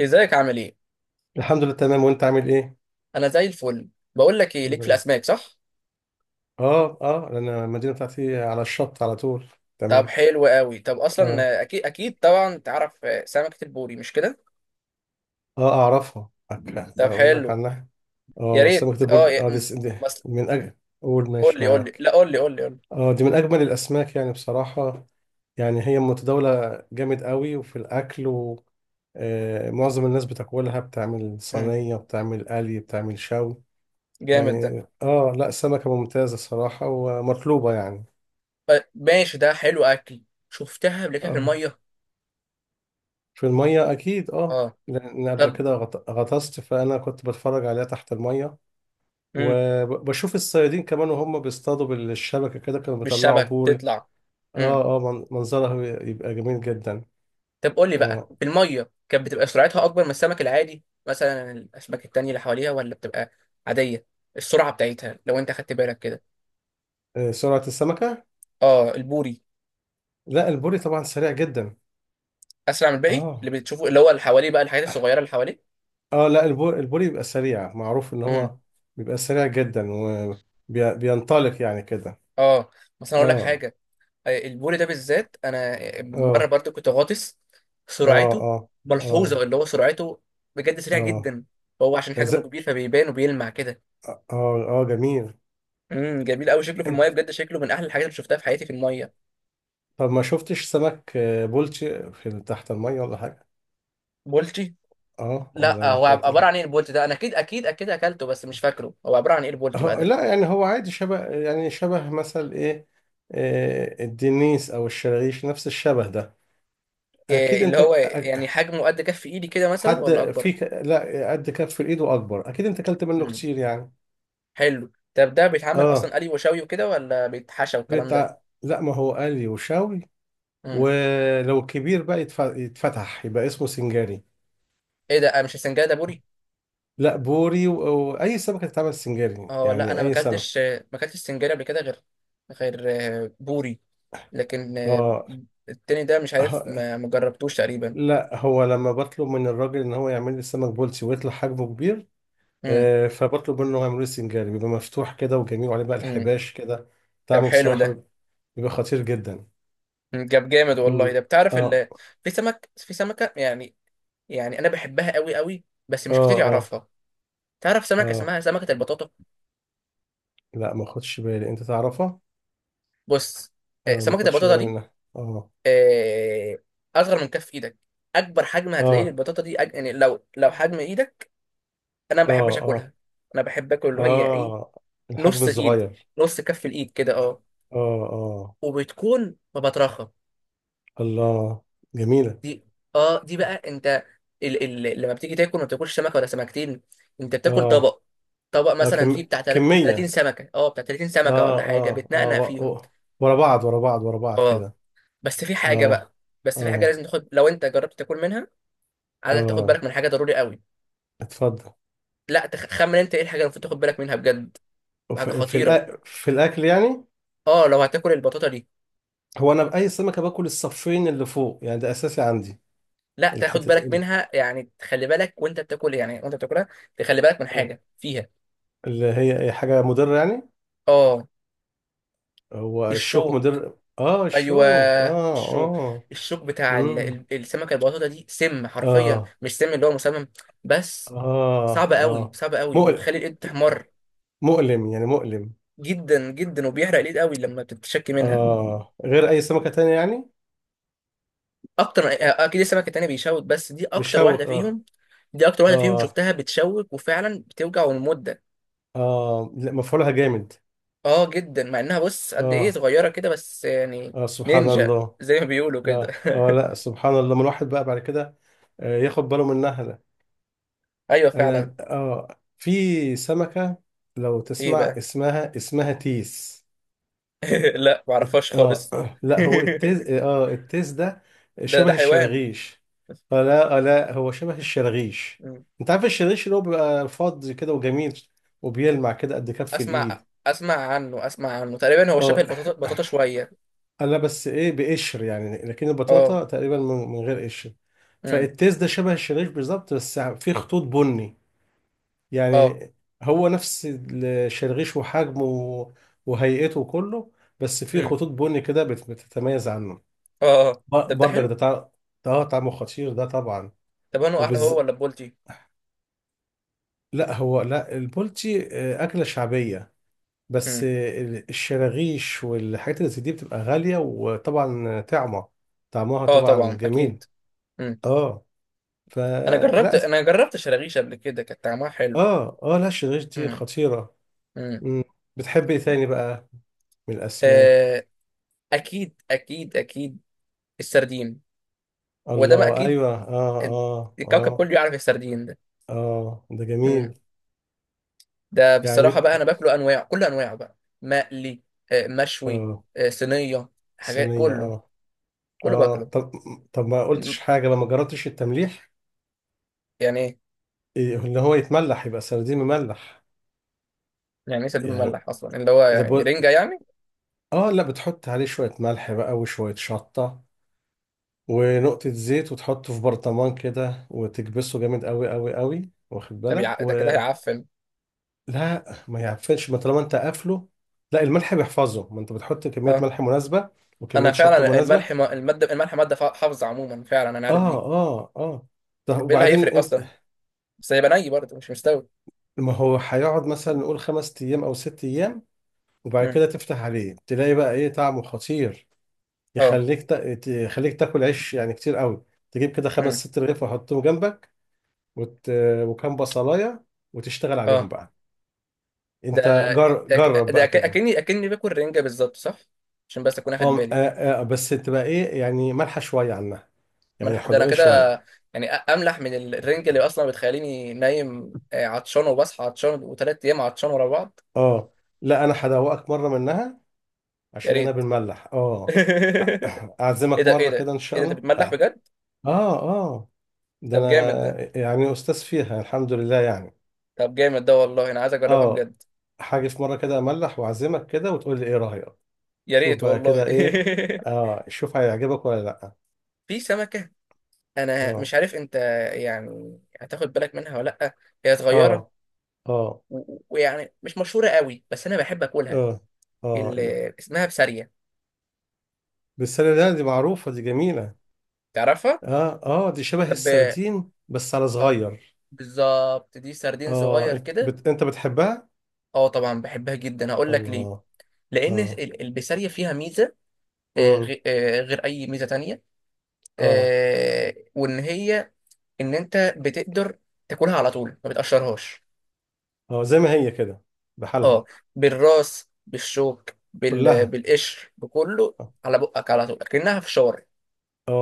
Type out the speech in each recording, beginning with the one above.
ازيك عامل ايه؟ الحمد لله، تمام. وانت عامل ايه؟ انا زي الفل. بقول لك ايه، الحمد ليك في لله. الاسماك، صح؟ اه اه، انا المدينه بتاعتي على الشط على طول. طب تمام. حلو قوي. طب اه اصلا اكيد اكيد طبعا تعرف، سمكة البوري، مش كده؟ اه، اعرفها. طب اقول لك حلو. عنها. يا اه، ريت. سمكه البرد اه دي، دي بس. من اجل. قول، قول ماشي لي قول لي، معاك. لا، قول لي قول لي قول لي. اه، دي من اجمل الاسماك يعني بصراحه. يعني هي متداوله جامد قوي وفي الاكل، و معظم الناس بتاكلها، بتعمل مم. صينيه، بتعمل قلي، بتعمل شوي. جامد ده. يعني اه، لا سمكه ممتازه صراحه ومطلوبه يعني. ماشي، ده حلو اكل. شفتها قبل كده في آه. الميه. في المية أكيد، أه، اه. لأن قبل طب. كده غطست. فأنا كنت بتفرج عليها تحت المية، مم. وبشوف الصيادين كمان وهم بيصطادوا بالشبكة كده، كانوا بيطلعوا بالشبك بوري. تطلع. مم. أه أه، منظرها يبقى جميل جدا. طب قول لي بقى، أه في الميه كانت بتبقى سرعتها اكبر من السمك العادي مثلا، الاسماك التانية اللي حواليها، ولا بتبقى عادية؟ السرعة بتاعتها لو انت خدت بالك كده. آه، سرعة السمكة؟ اه البوري. لا البوري طبعا سريع جدا. اسرع من الباقي أه اللي بتشوفه، اللي هو اللي حواليه بقى، الحاجات الصغيره اللي حواليه. أه، لا البوري، البوري بيبقى سريع، معروف إن امم. هو بيبقى سريع جدا وبينطلق يعني كده. اه. بس انا اقول لك أه حاجه. البوري ده بالذات، انا مره أه برضو كنت غاطس. أه سرعته أه ملحوظه، أه اللي هو سرعته بجد سريع أه. جدا. هو عشان حجمه ز- كبير فبيبان وبيلمع كده. أه آه، جميل. امم، جميل قوي شكله في الميه، انت، بجد شكله من احلى الحاجات اللي شفتها في حياتي في الميه. طب ما شفتش سمك بولتي في تحت المية ولا حاجة؟ بولتي؟ اه ولا لا، ما هو خدتش. عباره عن ايه البولتي ده؟ انا اكيد اكيد اكيد اكلته بس مش فاكره هو عباره عن ايه البولتي بقى اه ده. لا يعني هو عادي، شبه يعني شبه مثل ايه؟ الدنيس او الشرغيش، نفس الشبه ده. اكيد إيه اللي انت. هو أك- يعني، حجمه قد كف ايدي كده مثلا حد ولا اكبر؟ فيك، لا قد كف الايد واكبر. اكيد انت اكلت منه مم. كتير يعني. حلو. طب ده بيتعمل اصلا اه قلي وشوي وكده، ولا بيتحشى والكلام ده؟ بتاع، لا ما هو قلي وشاوي. امم. ولو كبير بقى يتفتح، يبقى اسمه سنجاري. ايه ده، مش السنجاري ده بوري؟ لا بوري، واي سمكة تتعمل سنجاري اه لا، يعني، انا ما اي سمك. اكلتش، ما اكلتش سنجاري قبل كده غير، غير، بوري. لكن اه التاني ده مش عارف، آه، ما جربتوش تقريبا. لا هو لما بطلب من الراجل ان هو يعمل لي السمك بولتي ويطلع حجمه كبير، امم. فبطلب منه يعمل لي سنجاري، بيبقى مفتوح كده وجميل وعليه بقى امم. الحباش كده. طب طعمه حلو بصراحة ده. بيبقى، بيبقى خطير جدا. مم، جاب جامد والله مم. ده، بتعرف اه في سمك، في سمكه يعني. يعني انا بحبها قوي قوي بس اه مش كتير اه. يعرفها. تعرف سمكه اه اسمها سمكه البطاطا؟ لا ما خدش بالي، انت تعرفها؟ بص. آه ما سمكه خدش البطاطا بالي دي، منها، اه آه، اصغر من كف ايدك. اكبر حجم هتلاقيه اه. للبطاطا دي، يعني لو حجم ايدك. انا ما اه بحبش اه اكلها. انا بحب اكل اللي هي ايه، اه، الحجم نص ايد، الصغير. نص كف الايد كده، اه. اه اه. وبتكون مبطرخه. الله، جميلة. دي، اه دي بقى انت، لما بتيجي تاكل ما بتاكلش سمكه ولا سمكتين، انت بتاكل اه طبق. طبق اه مثلا فيه بتاع 30 كمية. سمكه، اه بتاع 30 اه سمكه ولا حاجه، اه اه بتنقنق فيهم. ورا بعض، ورا بعض، ورا بعض اه. كده. بس في حاجه اه بقى، بس في حاجه اه لازم تاخد لو انت جربت تاكل منها، عايز تاخد اه، بالك من حاجه ضروري قوي. اتفضل. لا تخمن انت ايه الحاجه اللي المفروض تاخد بالك منها بجد، حاجه خطيره. في الاكل يعني؟ اه لو هتاكل البطاطا دي هو انا باي سمكه باكل الصفين اللي فوق يعني، ده اساسي عندي. لا، تاخد الحته بالك ال- منها، يعني تخلي بالك وانت بتاكل، يعني وانت بتاكلها، تخلي بالك من آه. حاجه فيها. اللي هي أي حاجه مضره يعني. اه، هو الشوك الشوك. مضر؟ اه ايوه الشوك اه الشوك. اه. الشوك بتاع امم. السمكه البطاطا دي، سم حرفيا، اه مش سم اللي هو مسمم بس. اه صعب قوي اه، صعب قوي مؤلم، وبيخلي الايد تحمر. مؤلم يعني، مؤلم. جدا جدا، وبيحرق الايد قوي لما بتتشكي منها. اه غير اي سمكه تانية يعني، اكتر، اكيد السمك التاني بيشوك، بس دي اكتر بالشوك واحده اه. فيهم، دي اكتر واحده فيهم اه شفتها بتشوك، وفعلا بتوجع المده. اه، لا مفعولها جامد. اه، جدا، مع انها بص قد ايه اه صغيره كده، بس يعني. اه، سبحان نينجا الله. زي ما بيقولوا كده اه اه، لا سبحان الله، ما الواحد بقى بعد كده آه ياخد باله منها ده. ايوه فعلا. انا اه، في سمكة لو ايه تسمع بقى؟ اسمها، اسمها تيس. لا معرفهاش اه. خالص. لا هو التيس، اه التيس ده ده شبه حيوان. الشرغيش. اه لا، اه لا هو شبه الشرغيش. مم. انت عارف الشرغيش اللي هو بيبقى فاضي كده وجميل، وبيلمع كده قد كف اسمع، الايد. اسمع عنه، اسمع عنه تقريبا، هو شبه اه البطاطا، بطاطا شويه. انا بس ايه؟ بقشر يعني. لكن اه. البطاطا تقريبا من غير قشر. امم. فالتيس ده شبه الشريش بالظبط، بس فيه خطوط بني اه. يعني. هو نفس الشريش، وحجمه وهيئته كله، بس فيه امم. خطوط بني كده بتتميز عنه. اه اه، ده برضك حلو. ده ده اه طعمه خطير ده طبعا. طب انا احلى هو وبز... ولا بولتي؟ لا هو لا، البولتي أكلة شعبية. بس امم. الشراغيش والحاجات اللي زي دي بتبقى غالية، وطبعا طعمة، طعمها اه طبعا طبعا جميل. اكيد. مم. اه انا جربت فلا أس... انا جربت شراغيش قبل كده كانت طعمها حلو. اه اه، لا الشريش دي امم. خطيرة. امم. مم. بتحب ايه تاني بقى من الاسماك؟ آه، اكيد اكيد اكيد، السردين. وده ما الله اكيد، ايوه، اه اه الكوكب اه. كله يعرف السردين ده. اه ده جميل امم. ده بصراحة يعني. بقى انا باكله انواع، كل انواعه بقى، مقلي، مشوي، اه صينية، حاجات، صينية كله، اه. كله اه باكله. طب، طب ما قلتش مم، حاجة لما جربتش التمليح. يعني ايه؟ إيه، ان هو يتملح يبقى سردين مملح. يعني ايه سردين يعني مملح اصلا، اللي هو ده يعني بو... رنجة يعني؟ اه لا، بتحط عليه شوية ملح بقى وشوية شطة ونقطة زيت، وتحطه في برطمان كده وتكبسه جامد قوي قوي قوي، واخد بالك ده كده و... هيعفن؟ لا ما يعفنش ما طالما انت قافله. لا الملح بيحفظه، ما انت بتحط كمية اه، ملح مناسبة انا وكمية شطة فعلا مناسبة. الملح ما... المادة الملح مادة حافظة عموما، فعلا انا عارف دي. اه اه اه، طب طب ايه اللي وبعدين هيفرق انت، اصلا؟ بس هيبقى ني برضه مش مستوي. ما هو هيقعد مثلا نقول 5 ايام او 6 ايام، وبعد امم. كده تفتح عليه تلاقي بقى ايه طعمه خطير. اه. يخليك تاكل عيش يعني كتير قوي. تجيب كده خمس امم. ست رغيف وحطهم جنبك، وت... وكام بصلاية وتشتغل عليهم اه. بقى. ده انت جرب بقى كده. اكني باكل رنجه بالظبط صح؟ عشان بس اكون اخد اه بالي. آه، آه بس تبقى ايه يعني، مالحة شوية عنها، يعني ملح ده انا حدوقية كده، شوية. يعني املح من الرنجه، اللي اصلا بتخليني نايم عطشان، وبصحى عطشان، وثلاث ايام عطشان ورا بعض. اه لا، انا هدوقك مرة منها، يا عشان انا ريت. بنملح اه. ايه اعزمك ده، ايه مرة ده، كده ان ايه شاء ده انت الله بتملح اه. بجد؟ اه آه. ده طب جامد ده. انا يعني استاذ فيها الحمد لله يعني. طب جامد ده والله انا عايز اجربها اه، بجد. هاجي في مرة كده املح واعزمك كده، وتقول لي ايه رأيك. يا شوف ريت بقى والله. كده ايه. اه شوف هيعجبك ولا لا. في سمكه، انا مش اه عارف انت يعني هتاخد بالك منها ولا لا، هي صغيره اه اه ويعني مش مشهورة قوي، بس أنا بحب أكلها، اه اه اللي اسمها بسارية، بالسردين دي معروفة، دي جميلة. تعرفها؟ اه اه دي شبه طب السردين بس على صغير. بالظبط، دي سردين اه صغير انت كده. انت بتحبها؟ اه طبعا بحبها جدا، هقول لك ليه. الله. لأن اه. البسارية فيها ميزة، امم. غير أي ميزة تانية، اه وإن هي، إن أنت بتقدر تاكلها على طول، ما بتقشرهاش. اه، زي ما هي كده بحالها، اه، بالراس، بالشوك، كلها. بالقشر، بكله، اه على بقك، على طول، كأنها فشار، اه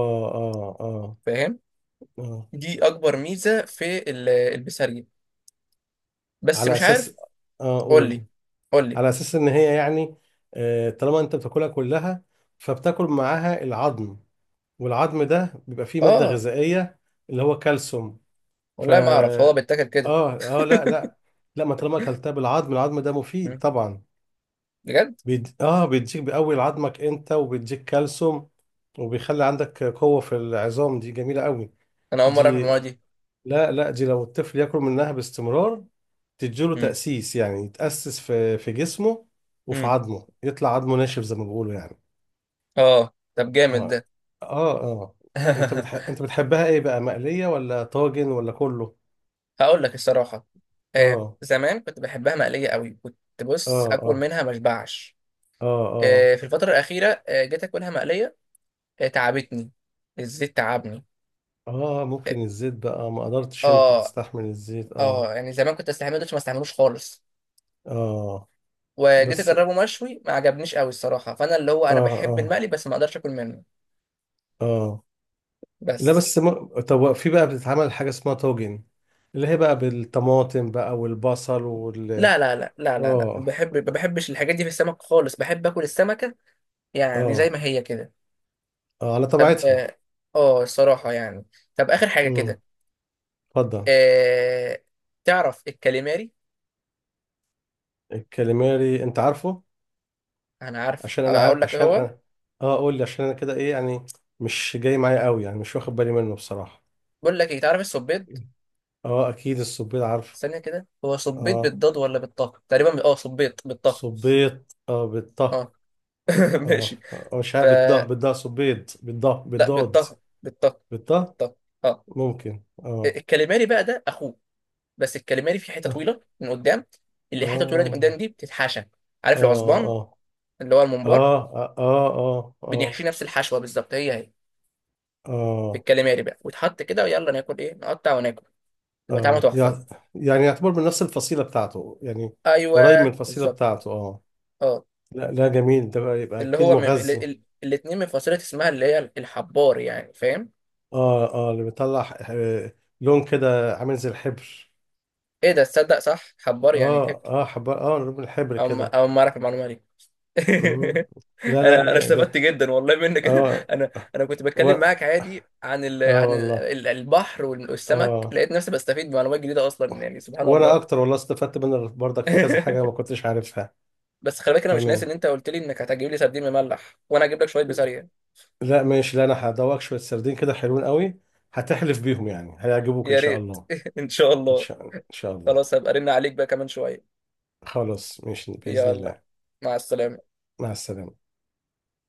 اه فاهم؟ اه، دي اكبر ميزه في البسارية، بس على مش اساس. عارف. اه قول اقول، لي، قول لي. على اساس ان هي يعني، آه طالما انت بتاكلها كلها فبتاكل معاها العظم، والعظم ده بيبقى فيه مادة اه غذائية اللي هو كالسيوم. ف، والله ما اعرف هو بيتاكل كده. اه اه، لا لا لا، ما طالما اكلتها بالعظم، العظم ده مفيد مم. طبعا. بجد. اه بيديك، بيقوي عظمك انت، وبيديك كالسيوم، وبيخلي عندك قوة في العظام، دي جميلة قوي. انا اول مره اعرف دي المواد دي. لا لا، دي لو الطفل ياكل منها باستمرار تديله مم. تأسيس، يعني يتأسس في جسمه وفي مم. عظمه، يطلع عظمه ناشف زي ما بيقولوا يعني. اه طب جامد اه ده. اه اه. انت انت بتحبها ايه بقى، مقلية ولا طاجن ولا كله؟ هقول لك الصراحه. آه اه زمان كنت بحبها مقليه قوي، كنت اه بص اكل اه منها ما اشبعش. اه اه آه في الفتره الاخيره، آه جيت اكلها مقليه، آه تعبتني، الزيت تعبني. اه، ممكن الزيت بقى، ما قدرتش انت اه اه، تستحمل الزيت اه. يعني زمان كنت استحمله، دلوقتي ما استحملوش خالص. اه وجيت بس اجربه مشوي، ما عجبنيش قوي الصراحه، فانا اللي هو اه انا بحب اه المقلي، بس ما اقدرش اكل منه. اه. لا بس. بس م... طب في بقى بتتعمل حاجة اسمها طاجن، اللي هي بقى بالطماطم بقى والبصل لا لا لا لا لا لا، اه بحب، ما بحبش الحاجات دي في السمك خالص، بحب اكل السمكة يعني زي اه ما هي كده. اه، على طب طبيعتها. اه، الصراحة يعني، طب اخر حاجة كده، امم، اتفضل. آه... تعرف الكاليماري؟ الكاليماري انت عارفه. انا عارف، عشان انا اقول ع... لك ايه عشان هو. انا اه، قول لي عشان انا كده ايه يعني، مش جاي معايا قوي يعني، مش واخد بالي منه بصراحة. بقول لك ايه، تعرف الصبيط؟ اه اكيد الصبيط عارفه. ثانية كده، هو صبيط اه بالضاد ولا بالطه؟ تقريبا اه صبيط بالطه. صبيط اه بالطه. اه. اه ماشي. مش ف عارف بالضه، بالضه صبيط بالضه لا، بالضاد. بالطه بالطه. بالطه، طه. اه. ممكن اه. الكاليماري بقى ده اخوه، بس الكاليماري في حته اه طويله من قدام، اللي حته طويله دي من قدام اه دي بتتحشى. عارف اه العصبان اه اللي هو الممبار؟ اه اه اه بنحشيه نفس الحشوه بالظبط، هي هي. في اه الكاليماري بقى، ويتحط كده، ويلا ناكل ايه، نقطع وناكل، يبقى طعمه اه، تحفه. يعني يعني يعتبر من نفس الفصيلة بتاعته يعني، قريب من ايوه الفصيلة بالظبط. بتاعته اه. اه. لا لا، جميل ده بقى، يبقى اللي اكيد هو مغذي. الاتنين من فصيله اسمها، اللي هي الحبار، يعني فاهم؟ اه اه اللي بيطلع لون كده عامل زي الحبر. ايه ده، تصدق صح، حبار يعني هبل. اه اه حب، اه لون الحبر او ما... كده. او ما اعرف المعلومه دي. مم. لا لا انا لا استفدت ده. جدا والله منك. اه انا كنت و... بتكلم معاك عادي عن اه عن والله. البحر والسمك، اه، لقيت نفسي بستفيد بمعلومات جديده اصلا، يعني سبحان وانا الله. اكتر والله استفدت منك برضك في كذا حاجة ما كنتش عارفها. بس خلي بالك، انا مش ناسي ان تمام. انت قلت لي انك هتجيب لي سردين مملح، وانا هجيب لك شويه بسارية. لا ماشي، لا انا هدوقك شويه سردين كده، حلوين قوي، هتحلف بيهم يعني، هيعجبوك ان يا شاء ريت. الله. ان شاء ان الله. شاء، ان شاء الله. خلاص هبقى ارن عليك بقى كمان شويه. خلاص ماشي باذن يلا، الله. مع السلامه. مع السلامه.